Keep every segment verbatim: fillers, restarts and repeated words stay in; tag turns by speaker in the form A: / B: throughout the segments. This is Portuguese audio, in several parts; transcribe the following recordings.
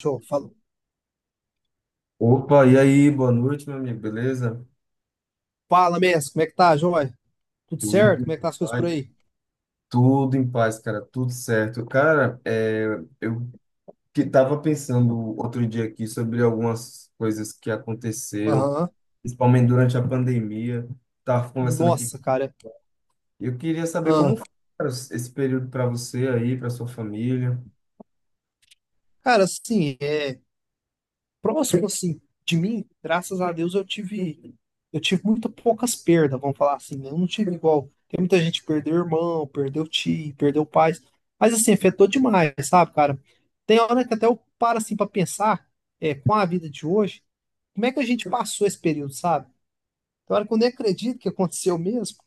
A: Show. Fala,
B: Opa, e aí, boa noite, meu amigo, beleza?
A: fala Messi, como é que tá, joia? Tudo certo?
B: Tudo
A: Como
B: em
A: é que tá as coisas por
B: paz,
A: aí?
B: tudo em paz, cara, tudo certo. Cara, é, eu que tava pensando outro dia aqui sobre algumas coisas que aconteceram,
A: Aham.
B: principalmente durante a pandemia. Tava conversando aqui,
A: Nossa, cara.
B: eu queria saber
A: Ah,
B: como foi, cara, esse período para você aí, para sua família.
A: cara, assim, é, próximo assim de mim, graças a Deus eu tive eu tive muito poucas perdas, vamos falar assim, né? Eu não tive igual. Tem muita gente que perdeu irmão, perdeu tio, perdeu pais, mas assim, afetou demais, sabe, cara? Tem hora que até eu paro assim pra pensar, é, com a vida de hoje, como é que a gente passou esse período, sabe? Tem hora que eu nem acredito que aconteceu mesmo.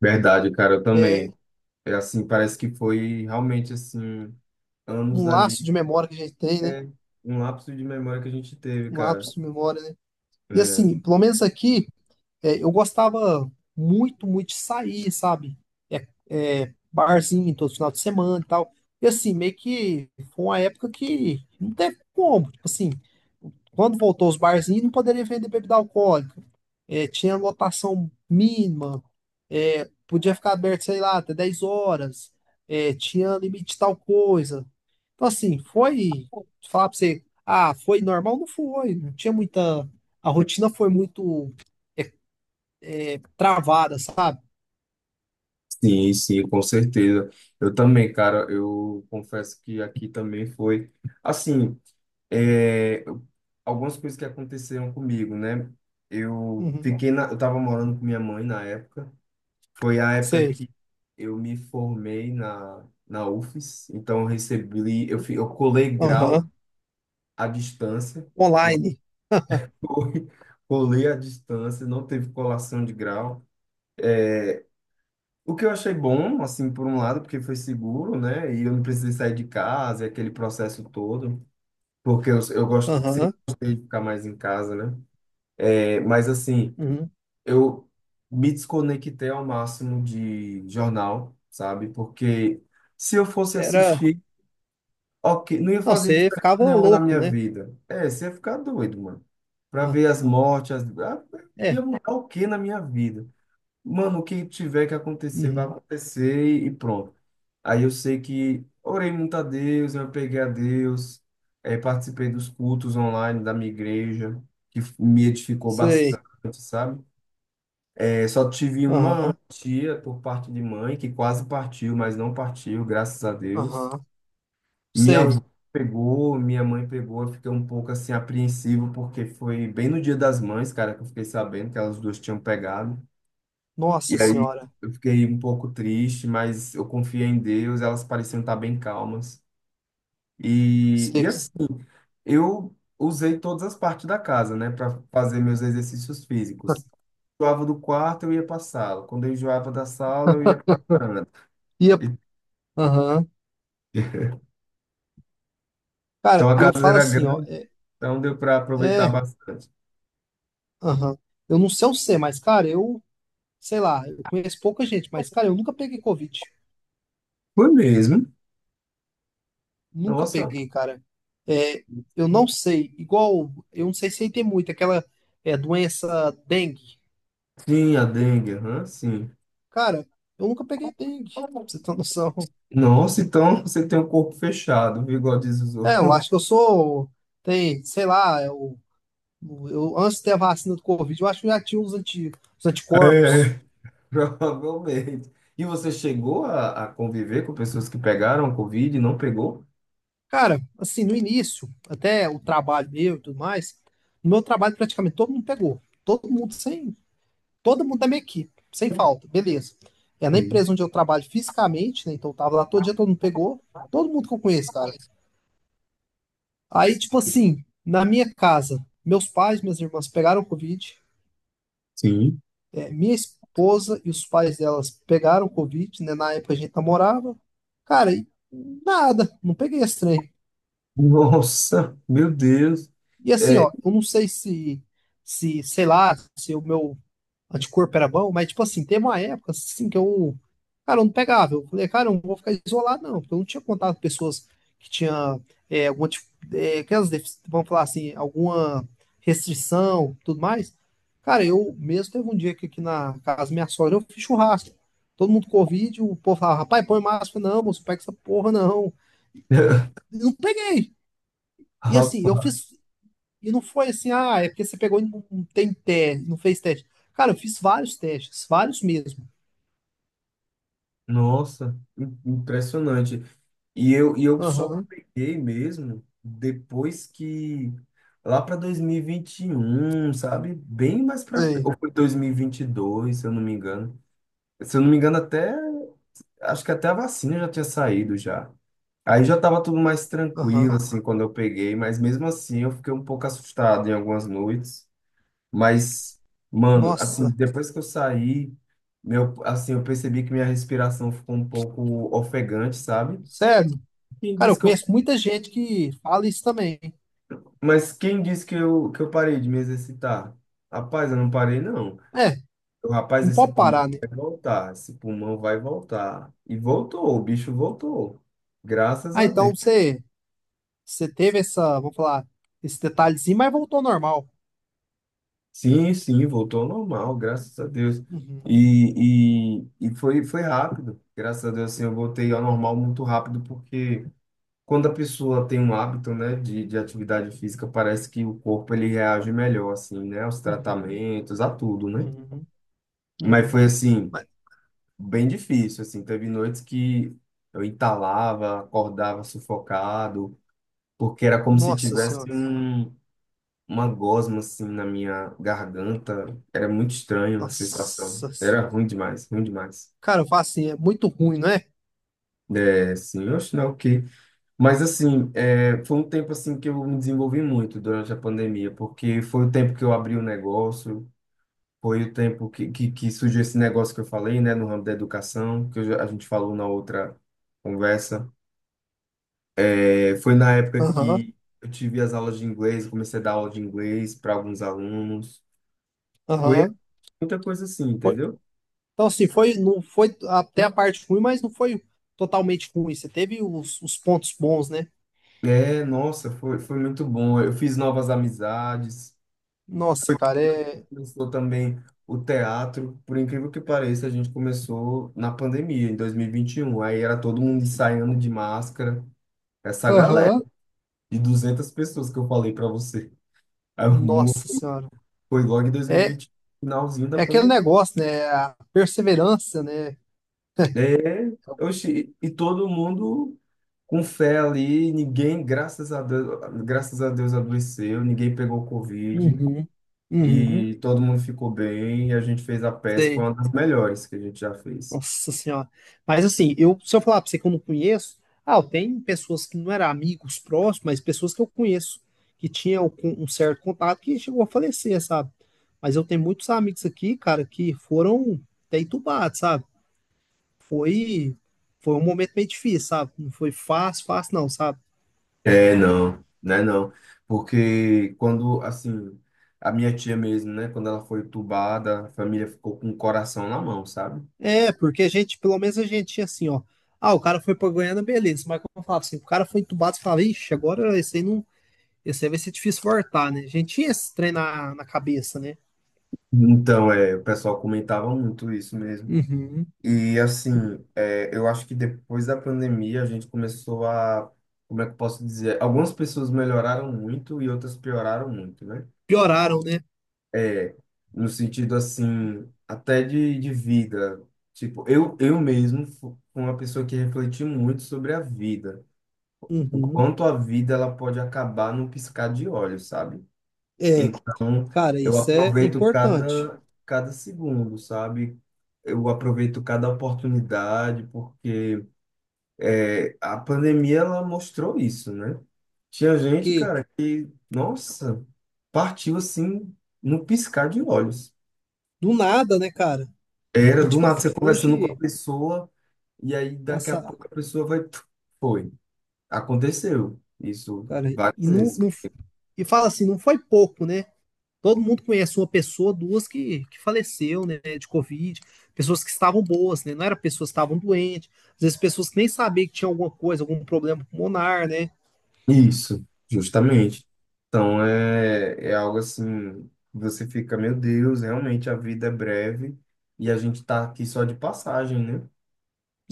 B: Verdade, cara, eu
A: é,
B: também. É assim, parece que foi realmente assim, anos
A: um laço
B: ali,
A: de memória que a gente tem, né?
B: é um lapso de memória que a gente teve,
A: Um
B: cara.
A: lapso de memória, né? E
B: É.
A: assim, pelo menos aqui, é, eu gostava muito, muito de sair, sabe? É, é, barzinho todo final de semana e tal. E assim, meio que foi uma época que não teve como. Tipo assim, quando voltou os barzinhos, não poderia vender bebida alcoólica. É, tinha lotação mínima. É, podia ficar aberto, sei lá, até dez horas. É, tinha limite de tal coisa. Então, assim, foi. Falar pra você, ah, foi normal? Não foi. Não tinha muita. A rotina foi muito travada, sabe?
B: Sim, sim, com certeza. Eu também, cara, eu confesso que aqui também foi. Assim, é, algumas coisas que aconteceram comigo, né? Eu
A: Uhum.
B: fiquei na, eu tava morando com minha mãe na época. Foi a época
A: Sei.
B: que eu me formei na, na UFES, então eu recebi, eu, fi- eu colei grau
A: Aham.
B: à distância.
A: Online.
B: Foi, colei à distância, não teve colação de grau. O que eu achei bom, assim, por um lado, porque foi seguro, né? E eu não precisei sair de casa, e aquele processo todo, porque eu, eu gosto, sempre
A: Aham.
B: gostei de ficar mais em casa, né? É, mas, assim,
A: Uhum.
B: eu me desconectei ao máximo de jornal, sabe? Porque se eu fosse
A: Era.
B: assistir, ok, não ia
A: Não,
B: fazer
A: você
B: diferença
A: ficava
B: nenhuma na
A: louco,
B: minha
A: né?
B: vida. É, você ia ficar doido, mano. Pra
A: Ah,
B: ver as mortes, as... ah,
A: é.
B: ia mudar o que na minha vida? Mano, o que tiver que acontecer, vai
A: Uhum.
B: acontecer e pronto. Aí eu sei que orei muito a Deus, eu peguei a Deus, eh, participei dos cultos online da minha igreja, que f- me edificou
A: Sei.
B: bastante, sabe? Eh, só tive uma
A: Aham.
B: tia por parte de mãe que quase partiu, mas não partiu, graças a Deus.
A: Aham.
B: Minha avó
A: Sei.
B: pegou, minha mãe pegou, eu fiquei um pouco assim apreensivo, porque foi bem no Dia das Mães, cara, que eu fiquei sabendo que elas duas tinham pegado.
A: Nossa
B: E aí
A: senhora.
B: eu fiquei um pouco triste, mas eu confiei em Deus, elas pareciam estar bem calmas. E, e
A: Sei.
B: assim, eu usei todas as partes da casa, né, para fazer meus exercícios físicos. Enjoava do quarto, eu ia para a sala. Quando eu enjoava da sala, eu ia para a varanda.
A: Ia.
B: E-
A: Aham.
B: então
A: Cara,
B: a
A: e eu
B: casa
A: falo
B: era
A: assim, ó.
B: grande,
A: É,
B: então deu para aproveitar
A: é.
B: bastante.
A: Aham. Eu não sei o C, mas, cara, eu, sei lá, eu conheço pouca gente, mas, cara, eu nunca peguei Covid.
B: Foi mesmo?
A: Nunca
B: Nossa.
A: peguei, cara. É, eu não sei, igual, eu não sei se aí tem muito, aquela é, doença dengue.
B: Sim, a dengue, aham, sim.
A: Cara, eu nunca peguei dengue, pra você ter noção.
B: Nossa, então você tem o corpo fechado, viu, igual diz os
A: É,
B: outros.
A: eu acho que eu sou, tem, sei lá, eu, eu antes de ter a vacina do Covid, eu acho que eu já tinha os, anti, os
B: É,
A: anticorpos.
B: provavelmente. E você chegou a, a conviver com pessoas que pegaram Covid e não pegou?
A: Cara, assim, no início, até o trabalho meu e tudo mais, no meu trabalho praticamente todo mundo pegou. Todo mundo sem, todo mundo da minha equipe, sem falta, beleza. É na
B: Sim.
A: empresa onde eu trabalho fisicamente, né? Então eu tava lá todo dia, todo mundo pegou, todo mundo que eu conheço, cara. Aí, tipo assim, na minha casa, meus pais, minhas irmãs pegaram Covid,
B: Sim.
A: é, minha esposa e os pais delas pegaram Covid, né? Na época a gente namorava. Cara, e nada, não peguei esse trem.
B: Nossa, meu Deus.
A: E assim,
B: É,
A: ó, eu não sei se, se, sei lá, se o meu anticorpo era bom, mas tipo assim, teve uma época assim que eu, cara, eu não pegava. Eu falei, cara, eu não vou ficar isolado, não, porque eu não tinha contato com pessoas que tinham é, alguma, tipo, é, aquelas, defici- vamos falar assim, alguma restrição, tudo mais. Cara, eu mesmo teve um dia que aqui na casa da minha sogra eu fiz churrasco. Todo mundo com Covid, o povo falava, rapaz, põe máscara, não, moço, pega essa porra, não. E não peguei. E assim, eu
B: rapaz,
A: fiz e não foi assim, ah, é porque você pegou e não não tem teste, não fez teste. Cara, eu fiz vários testes, vários mesmo.
B: nossa, im- impressionante. E eu, e eu só
A: Aham,
B: peguei mesmo depois que, lá para dois mil e vinte e um, sabe? Bem mais para frente.
A: sei.
B: Ou foi dois mil e vinte e dois, se eu não me engano. Se eu não me engano, até, acho que até a vacina já tinha saído já. Aí já estava tudo mais
A: Aham.
B: tranquilo, assim, quando eu peguei, mas mesmo assim eu fiquei um pouco assustado em algumas noites. Mas, mano, assim,
A: Nossa,
B: depois que eu saí, meu, assim, eu percebi que minha respiração ficou um pouco ofegante, sabe?
A: sério?
B: Quem
A: Cara,
B: disse
A: eu
B: que eu,
A: conheço muita gente que fala isso também.
B: mas quem disse que eu, que eu parei de me exercitar? Rapaz, eu não parei, não.
A: É,
B: Eu, rapaz,
A: não
B: esse
A: pode
B: pulmão
A: parar, né?
B: vai voltar, esse pulmão vai voltar. E voltou, o bicho voltou. Graças
A: Ah,
B: a Deus.
A: então você, você teve essa, vamos falar, esse detalhezinho, mas voltou ao normal.
B: Sim, sim, voltou ao normal, graças a Deus.
A: Uhum,
B: E, e, e foi, foi rápido. Graças a Deus, assim, eu voltei ao normal muito rápido, porque quando a pessoa tem um hábito, né, de, de atividade física, parece que o corpo ele reage melhor, assim, né, aos
A: uhum,
B: tratamentos, a tudo, né?
A: uhum,
B: Mas
A: uhum.
B: foi assim,
A: Mas,
B: bem difícil, assim, teve noites que eu entalava, acordava sufocado, porque era como se
A: nossa
B: tivesse
A: senhora,
B: um, uma gosma, assim, na minha garganta, era muito estranho a sensação,
A: nossa.
B: era ruim demais, ruim demais.
A: Cara, eu falo assim, é muito ruim, não é?
B: É, sim, eu acho não, mas assim, é, foi um tempo assim que eu me desenvolvi muito durante a pandemia, porque foi o tempo que eu abri o negócio, foi o tempo que, que, que surgiu esse negócio que eu falei, né, no ramo da educação, que eu já- a gente falou na outra conversa. É, foi na época
A: Aham,
B: que eu tive as aulas de inglês, comecei a dar aula de inglês para alguns alunos. Foi
A: aham.
B: muita coisa assim, entendeu?
A: Então, assim, foi, não foi até a parte ruim, mas não foi totalmente ruim. Você teve os, os pontos bons, né?
B: É, nossa, foi, foi muito bom. Eu fiz novas amizades.
A: Nossa, cara, é.
B: Começou também o teatro, por incrível que pareça, a gente começou na pandemia, em dois mil e vinte e um. Aí era todo mundo ensaiando de máscara, essa galera
A: Aham.
B: de duzentas pessoas que eu falei para você. Aí o mu-
A: Nossa Senhora.
B: Foi logo em
A: É,
B: dois mil e vinte, finalzinho da
A: é aquele
B: pandemia.
A: negócio, né? A perseverança, né?
B: É, oxi, e todo mundo com fé ali, ninguém, graças a Deus, graças a Deus adoeceu, ninguém pegou Covid
A: Uhum. Uhum.
B: e todo mundo ficou bem. E a gente fez a peça, foi
A: Sei.
B: uma das melhores que a gente já fez.
A: Nossa senhora. Mas assim, eu, se eu falar pra você que eu não conheço, ah, eu tenho pessoas que não eram amigos próximos, mas pessoas que eu conheço, que tinham um um certo contato que chegou a falecer, sabe? Mas eu tenho muitos amigos aqui, cara, que foram até entubados, sabe? Foi, foi um momento meio difícil, sabe? Não foi fácil, fácil não, sabe?
B: É, não, né, não. Porque quando, assim, a minha tia mesmo, né, quando ela foi entubada, a família ficou com o coração na mão, sabe?
A: É, porque a gente, pelo menos a gente tinha assim, ó. Ah, o cara foi pra Goiânia, beleza. Mas como eu falava assim, o cara foi entubado, você falava, ixi, agora esse aí não. Esse aí vai ser difícil voltar, né? A gente tinha esse trem na, na cabeça, né?
B: Então, é, o pessoal comentava muito isso mesmo.
A: Uhum.
B: E, assim, é, eu acho que depois da pandemia a gente começou a, como é que eu posso dizer? Algumas pessoas melhoraram muito e outras pioraram muito, né?
A: Pioraram, né?
B: É, no sentido, assim, até de, de vida. Tipo, eu, eu mesmo fu- fui uma pessoa que refleti muito sobre a vida. O
A: Uhum.
B: quanto a vida ela pode acabar num piscar de olhos, sabe?
A: É,
B: Então,
A: cara,
B: eu
A: isso é
B: aproveito
A: importante.
B: cada, cada segundo, sabe? Eu aproveito cada oportunidade, porque é, a pandemia ela mostrou isso, né? Tinha gente,
A: Porque
B: cara, que, nossa, partiu assim, no piscar de olhos.
A: do nada, né, cara?
B: Era
A: E
B: do
A: tipo
B: nada você
A: assim,
B: conversando com a
A: hoje
B: pessoa, e aí daqui a
A: passar,
B: pouco a pessoa vai. Foi. Aconteceu isso
A: cara, e
B: várias
A: não,
B: vezes.
A: não- e fala assim, não foi pouco, né? Todo mundo conhece uma pessoa, duas que, que faleceu, né, de Covid, pessoas que estavam boas, né? Não era pessoas que estavam doentes, às vezes pessoas que nem sabiam que tinha alguma coisa, algum problema pulmonar, né?
B: Isso, justamente. Então é, é algo assim, você fica, meu Deus, realmente a vida é breve e a gente tá aqui só de passagem, né?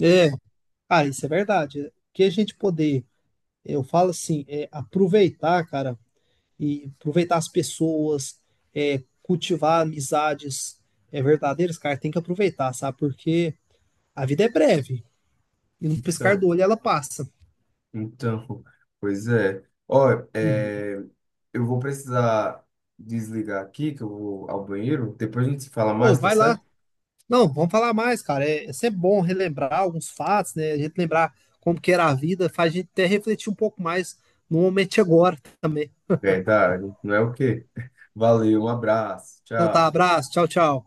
A: É, cara, isso é verdade. É, que a gente poder. Eu falo assim, é, aproveitar, cara, e aproveitar as pessoas, é, cultivar amizades é, verdadeiras, cara, tem que aproveitar, sabe? Porque a vida é breve e num piscar
B: Então,
A: do olho ela passa.
B: então, pois é. Ó,
A: Uhum.
B: é, eu vou precisar desligar aqui, que eu vou ao banheiro. Depois a gente se fala
A: Ô,
B: mais, tá
A: vai lá.
B: certo?
A: Não, vamos falar mais, cara. É, é sempre bom relembrar alguns fatos, né? A gente lembrar como que era a vida, faz a gente até refletir um pouco mais no momento de agora também.
B: Verdade, não é o quê? Valeu, um abraço,
A: Então tá,
B: tchau.
A: abraço, tchau, tchau.